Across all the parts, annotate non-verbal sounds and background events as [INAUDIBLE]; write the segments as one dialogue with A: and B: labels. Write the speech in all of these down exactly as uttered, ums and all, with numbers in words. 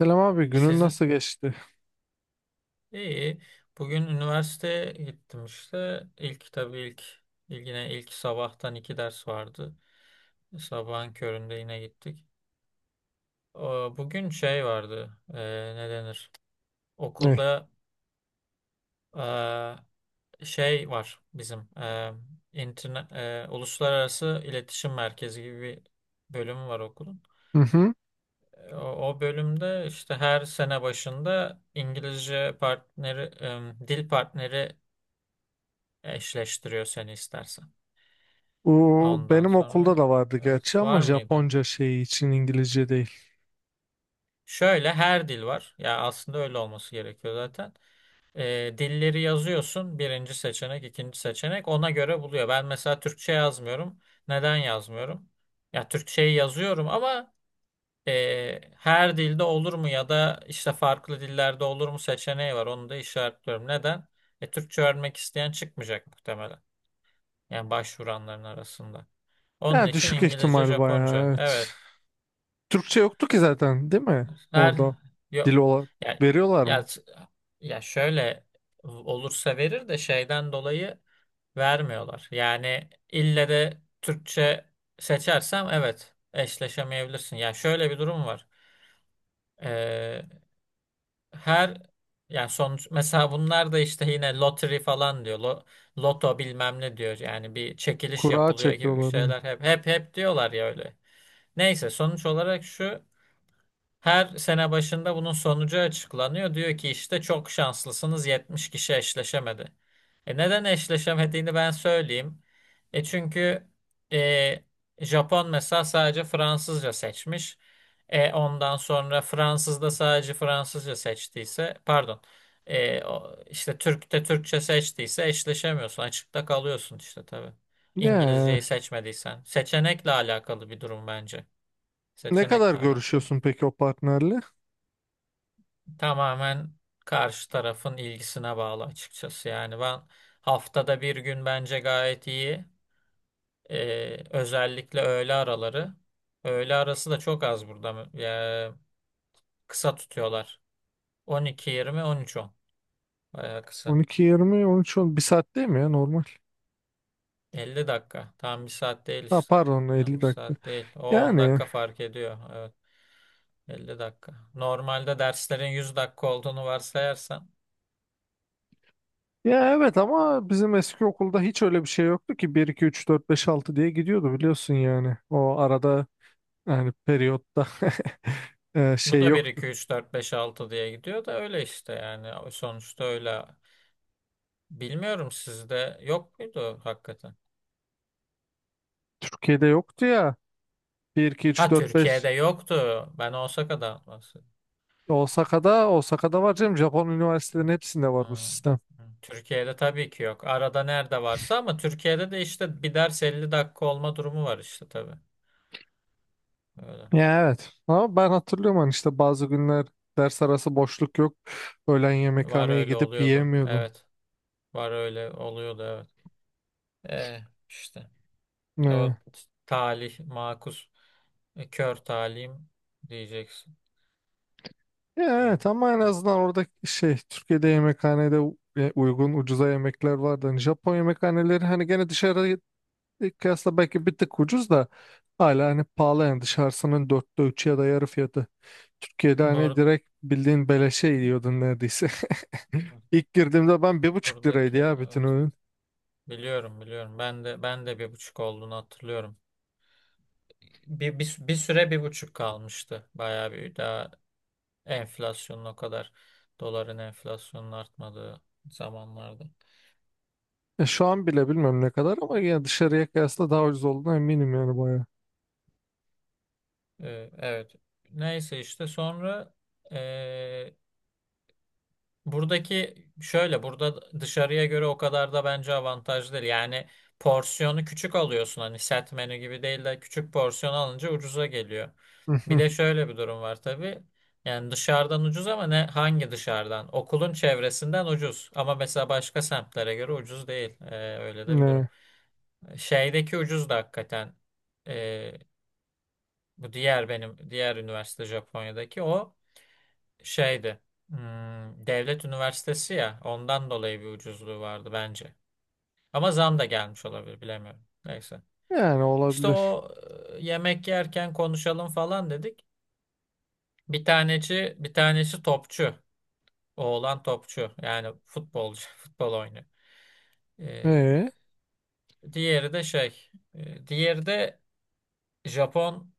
A: Selam abi, günün
B: Sizin
A: nasıl geçti?
B: iyi. Bugün üniversiteye gittim işte. İlk tabii ilk ilk yine ilk sabahtan iki ders vardı. Sabahın köründe yine gittik. O, bugün şey vardı. E, ne denir?
A: Ne?
B: Okulda e, şey var bizim e, interne, e, uluslararası iletişim merkezi gibi bir bölümü var okulun.
A: Hı hı.
B: E, O, o bölümde işte her sene başında İngilizce partneri, e, dil partneri eşleştiriyor seni istersen.
A: Bu
B: Ondan
A: benim
B: sonra,
A: okulda da vardı
B: evet,
A: gerçi ama
B: var mıydı?
A: Japonca şeyi için, İngilizce değil.
B: Şöyle her dil var. Ya aslında öyle olması gerekiyor zaten. Ee, dilleri yazıyorsun. Birinci seçenek, ikinci seçenek ona göre buluyor. Ben mesela Türkçe yazmıyorum. Neden yazmıyorum? Ya Türkçeyi yazıyorum ama e, her dilde olur mu ya da işte farklı dillerde olur mu seçeneği var. Onu da işaretliyorum. Neden? E, Türkçe öğrenmek isteyen çıkmayacak muhtemelen. Yani başvuranların arasında. Onun
A: Ya,
B: için
A: düşük
B: İngilizce,
A: ihtimal bayağı,
B: Japonca.
A: evet.
B: Evet.
A: Türkçe yoktu ki zaten, değil mi?
B: Her,
A: Orada dil
B: yok.
A: olarak
B: Ya
A: veriyorlar mı?
B: ya ya şöyle olursa verir de şeyden dolayı vermiyorlar. Yani ille de Türkçe seçersem evet eşleşemeyebilirsin. Ya şöyle bir durum var. Ee, her yani sonuç, mesela bunlar da işte yine lottery falan diyor. Lo- loto bilmem ne diyor. Yani bir çekiliş
A: Kura
B: yapılıyor gibi bir
A: çekiyorlar. Ha.
B: şeyler hep hep hep diyorlar ya öyle. Neyse, sonuç olarak şu: her sene başında bunun sonucu açıklanıyor. Diyor ki işte çok şanslısınız. Yetmiş kişi eşleşemedi. E neden eşleşemediğini ben söyleyeyim. E çünkü e, Japon mesela sadece Fransızca seçmiş. E ondan sonra Fransız da sadece Fransızca seçtiyse, pardon, e, o- işte Türk de Türkçe seçtiyse eşleşemiyorsun. Açıkta kalıyorsun işte tabii. İngilizceyi
A: Ya,
B: seçmediysen. Seçenekle alakalı bir durum bence.
A: ne kadar
B: Seçenekle alakalı.
A: görüşüyorsun peki o partnerle?
B: Tamamen karşı tarafın ilgisine bağlı açıkçası. Yani ben haftada bir gün bence gayet iyi. Ee, özellikle öğle araları. Öğle arası da çok az burada. mı- Ya, kısa tutuyorlar. on iki yirmi, on üç on. Bayağı
A: On
B: kısa.
A: iki yirmi, on üç on bir saat değil mi ya, normal?
B: elli dakika. Tam bir saat değil
A: Ha,
B: işte.
A: pardon,
B: Tam
A: elli
B: bir
A: dakika.
B: saat değil. O on
A: Yani.
B: dakika fark ediyor. Evet. elli dakika. Normalde derslerin yüz dakika olduğunu varsayarsan,
A: Ya, evet, ama bizim eski okulda hiç öyle bir şey yoktu ki, bir iki üç dört beş altı diye gidiyordu, biliyorsun yani. O arada, yani periyotta [LAUGHS] e,
B: bu
A: şey
B: da bir
A: yoktu.
B: iki üç dört beş altı diye gidiyor da öyle işte yani. Sonuçta öyle. Bilmiyorum sizde yok muydu hakikaten?
A: Türkiye'de yoktu ya. Bir iki üç
B: Ha,
A: dört beş.
B: Türkiye'de yoktu. Ben Osaka'dan bahsediyorum.
A: Osaka'da Osaka'da var canım. Japon üniversitelerinin hepsinde var bu
B: Hmm.
A: sistem.
B: Türkiye'de tabii ki yok. Arada nerede varsa ama Türkiye'de de işte bir ders elli dakika olma durumu var işte tabii. Öyle.
A: Ya, evet. Ama ben hatırlıyorum, hani işte bazı günler ders arası boşluk yok. Öğlen
B: Var,
A: yemekhaneye
B: öyle
A: gidip
B: oluyordu.
A: yiyemiyordun.
B: Evet. Var, öyle oluyordu, evet. Eh, işte
A: E,
B: o talih makus e, kör talihim diyeceksin.
A: Ya,
B: Değil.
A: evet, ama en
B: Tamam.
A: azından orada şey, Türkiye'de yemekhanede u- e, uygun, ucuza yemekler vardı. Hani Japon yemekhaneleri, hani gene dışarıya kıyasla belki bir tık ucuz da hala hani pahalı yani, dışarısının dörtte üçü ya da yarı fiyatı. Türkiye'de hani
B: Bur
A: direkt bildiğin beleşe yiyordun neredeyse. [LAUGHS] İlk girdiğimde ben, bir buçuk liraydı
B: buradaki,
A: ya bütün
B: evet,
A: öğün.
B: biliyorum, biliyorum. Ben de ben de bir buçuk olduğunu hatırlıyorum. Bir, bir, bir süre bir buçuk kalmıştı. Bayağı bir daha, enflasyonun o kadar, doların enflasyonun artmadığı zamanlarda.
A: Ya şu an bile bilmiyorum ne kadar ama, yani dışarıya kıyasla daha ucuz olduğuna eminim yani, bayağı.
B: Ee, evet. Neyse, işte sonra. Buradaki şöyle: burada dışarıya göre o kadar da bence avantajlı değil. Yani porsiyonu küçük alıyorsun, hani set menü gibi değil de küçük porsiyon alınca ucuza geliyor. Bir
A: [LAUGHS]
B: de şöyle bir durum var tabii. Yani dışarıdan ucuz ama ne, hangi dışarıdan? Okulun çevresinden ucuz ama mesela başka semtlere göre ucuz değil. Ee, öyle de bir durum.
A: Ne?
B: Şeydeki ucuz da hakikaten, ee, bu diğer benim diğer üniversite Japonya'daki o şeydi. Hmm, devlet üniversitesi ya. Ondan dolayı bir ucuzluğu vardı bence. Ama zam da gelmiş olabilir, bilemiyorum. Neyse.
A: Yani
B: İşte
A: olabilir.
B: o, e, yemek yerken konuşalım falan dedik. Bir taneci, bir tanesi topçu. Oğlan topçu. Yani futbolcu, [LAUGHS] futbol oynuyor. E,
A: E?
B: Diğeri de şey, e, diğeri de Japon,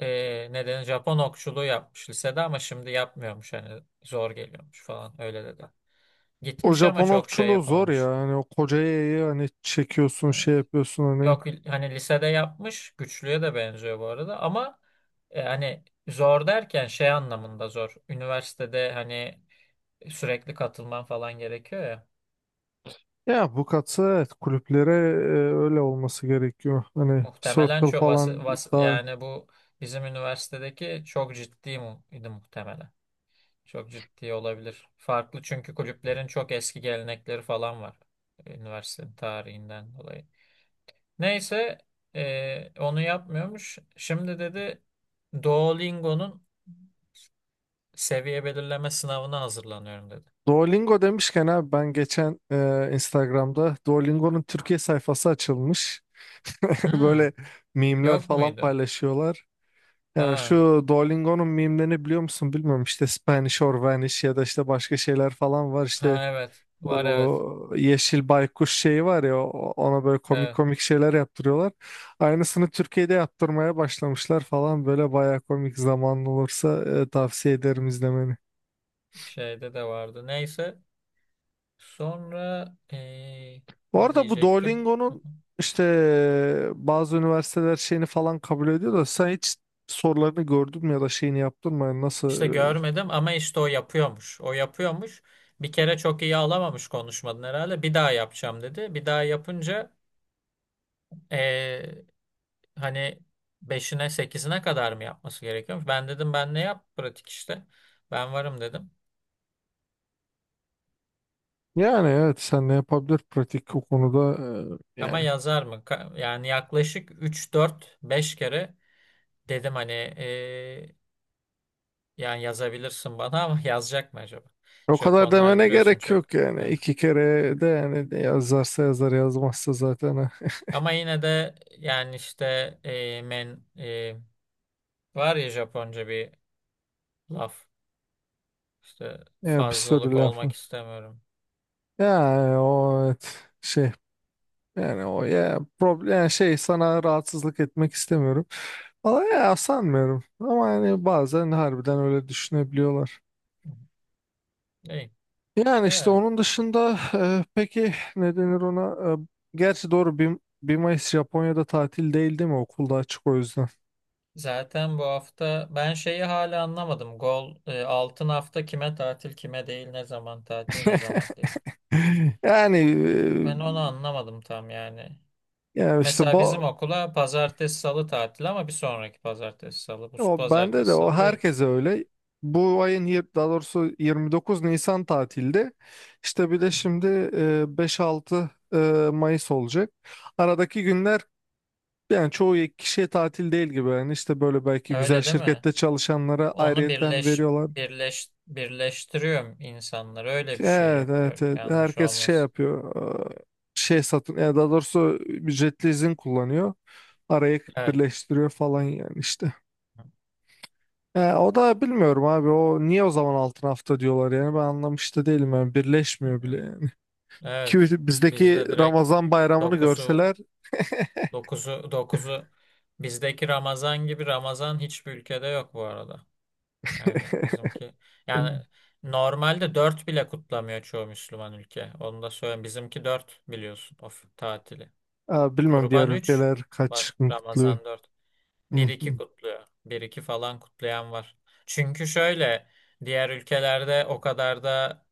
B: e, nedeni Japon okçuluğu yapmış lisede ama şimdi yapmıyormuş, hani zor geliyormuş falan, öyle dedi.
A: O
B: Gitmiş ama
A: Japon
B: çok şey
A: okçuluğu zor ya.
B: yapamamış.
A: Hani o koca yayı hani çekiyorsun, şey yapıyorsun hani.
B: Yok, hani lisede yapmış, güçlüye de benziyor bu arada ama e, hani zor derken şey anlamında zor. Üniversitede hani sürekli katılman falan gerekiyor ya.
A: Ya, bu katı, evet, kulüplere e, öyle olması gerekiyor. Hani
B: Muhtemelen
A: Circle
B: çok, vas,
A: falan
B: vas
A: da.
B: yani bu bizim üniversitedeki çok ciddi mu idi muhtemelen. Çok ciddi olabilir. Farklı çünkü kulüplerin çok eski gelenekleri falan var. e, Üniversitenin tarihinden dolayı. Neyse, e, onu yapmıyormuş. Şimdi dedi, Duolingo'nun seviye belirleme sınavına hazırlanıyorum, dedi.
A: Duolingo demişken abi, ben geçen e, Instagram'da Duolingo'nun Türkiye sayfası açılmış. [LAUGHS]
B: Hmm,
A: Böyle mimler
B: Yok
A: falan
B: muydu?
A: paylaşıyorlar. Ya
B: Ha,
A: şu Duolingo'nun mimlerini biliyor musun, bilmiyorum. İşte Spanish or Vanish ya da işte başka şeyler falan var. İşte
B: ha, evet. Var, evet.
A: bu yeşil baykuş şeyi var ya, o- ona böyle komik
B: Evet,
A: komik şeyler yaptırıyorlar. Aynısını Türkiye'de yaptırmaya başlamışlar falan, böyle baya komik. Zamanlı olursa e, tavsiye ederim izlemeni.
B: şeyde de vardı. Neyse. Sonra, eee,
A: Bu
B: ne
A: arada bu
B: diyecektim? Hı hı.
A: Duolingo'nun işte e, bazı üniversiteler şeyini falan kabul ediyor da, sen hiç sorularını gördün mü ya da şeyini yaptın mı? Yani, nasıl?
B: İşte
A: e,
B: görmedim ama işte o yapıyormuş. O yapıyormuş. Bir kere çok iyi alamamış konuşmadan herhalde. Bir daha yapacağım dedi. Bir daha yapınca eee, hani beşine sekizine kadar mı yapması gerekiyormuş? Ben dedim, ben ne yap, pratik işte. Ben varım dedim.
A: Yani, evet, sen ne yapabilir pratik o konuda, e,
B: Ama
A: yani.
B: yazar mı? Ka- Yani yaklaşık üç dört beş kere dedim, hani eee, yani yazabilirsin bana ama [LAUGHS] yazacak mı acaba?
A: O kadar
B: Japonlar
A: demene
B: biliyorsun
A: gerek
B: çok.
A: yok yani.
B: Evet.
A: İki kere de yani, de yazarsa yazar, yazmazsa zaten eh,
B: Ama yine de yani işte eee, men eee, var ya Japonca bir laf. İşte
A: ya, bir sürü
B: fazlalık
A: laf
B: olmak
A: var.
B: istemiyorum.
A: Yani o, evet, şey, yani o, ya problem yani, şey, sana rahatsızlık etmek istemiyorum. Valla ya, sanmıyorum, ama yani bazen harbiden öyle düşünebiliyorlar.
B: İyi.
A: Yani işte
B: Ya,
A: onun dışında, eh, peki ne denir ona? Eh, gerçi, doğru bir... 1 Mayıs Japonya'da tatil değil, değil mi? Okulda açık o yüzden.
B: zaten bu hafta ben şeyi hala anlamadım. Gol eee, altın hafta kime tatil, kime değil, ne zaman tatil, ne zaman değil.
A: [LAUGHS] Yani, eh,
B: Ben onu anlamadım tam yani.
A: yani işte
B: Mesela bizim
A: bu.
B: okula pazartesi salı tatil ama bir sonraki pazartesi salı. Bu
A: O, bende de,
B: pazartesi
A: o
B: salı değil.
A: herkese öyle. Bu ayın yir- daha doğrusu 29 Nisan tatilde. İşte bir de şimdi e, beş altı e, Mayıs olacak. Aradaki günler yani çoğu kişiye tatil değil gibi. Yani işte böyle belki güzel
B: Öyle değil mi?
A: şirkette çalışanlara
B: Onu
A: ayrıyetten
B: birleş
A: veriyorlar.
B: birleş birleştiriyorum insanları. Öyle bir şey
A: Evet, evet,
B: yapıyor.
A: evet.
B: Yanlış
A: Herkes şey
B: olmasın.
A: yapıyor. e, Şey satın, yani daha doğrusu ücretli izin kullanıyor. Araya
B: Evet.
A: birleştiriyor falan yani, işte. E, o da bilmiyorum abi. O niye o zaman altın hafta diyorlar yani, ben anlamış da değilim yani, birleşmiyor bile
B: Hı.
A: yani. [LAUGHS] Ki
B: Evet.
A: bizdeki
B: Bizde direkt
A: Ramazan bayramını
B: dokuzu
A: görseler...
B: dokuzu dokuzu bizdeki Ramazan gibi Ramazan hiçbir ülkede yok bu arada. Yani bizimki, yani
A: [CLEARS THROAT]
B: normalde dört bile kutlamıyor çoğu Müslüman ülke. Onu da söyleyeyim. Bizimki dört, biliyorsun, of tatili.
A: e, Bilmem diğer
B: Kurban üç,
A: ülkeler kaç gün kutluyor.
B: Ramazan dört.
A: Hı
B: Bir iki
A: hı.
B: kutluyor. Bir iki falan kutlayan var. Çünkü şöyle, diğer ülkelerde o kadar da,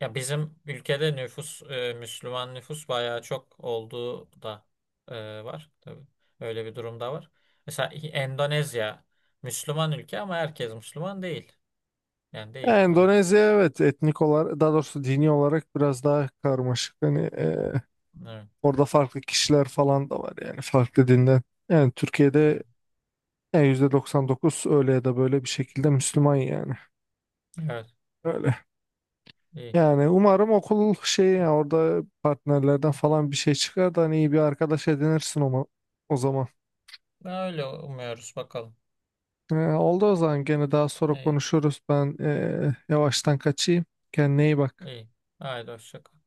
B: ya bizim ülkede nüfus, e, Müslüman nüfus bayağı çok olduğu da e, var tabii. Öyle bir durum da var. Mesela Endonezya Müslüman ülke ama herkes Müslüman değil. Yani
A: Yani
B: değil. Evet.
A: Endonezya, evet, etnik olarak, daha doğrusu dini olarak biraz daha karmaşık. Hani e,
B: Evet.
A: orada farklı kişiler falan da var yani, farklı dinden. Yani
B: Hı.
A: Türkiye'de yani yüzde doksan dokuz öyle ya da böyle bir şekilde Müslüman yani.
B: Evet.
A: Öyle.
B: İyi.
A: Yani umarım okul şey, ya orada partnerlerden falan bir şey çıkar da hani iyi bir arkadaş edinirsin o, o zaman.
B: Öyle umuyoruz bakalım.
A: Ee, oldu, o zaman gene daha sonra
B: İyi.
A: konuşuruz. Ben ee, yavaştan kaçayım. Kendine iyi bak.
B: İyi. Haydi, hoşça kal.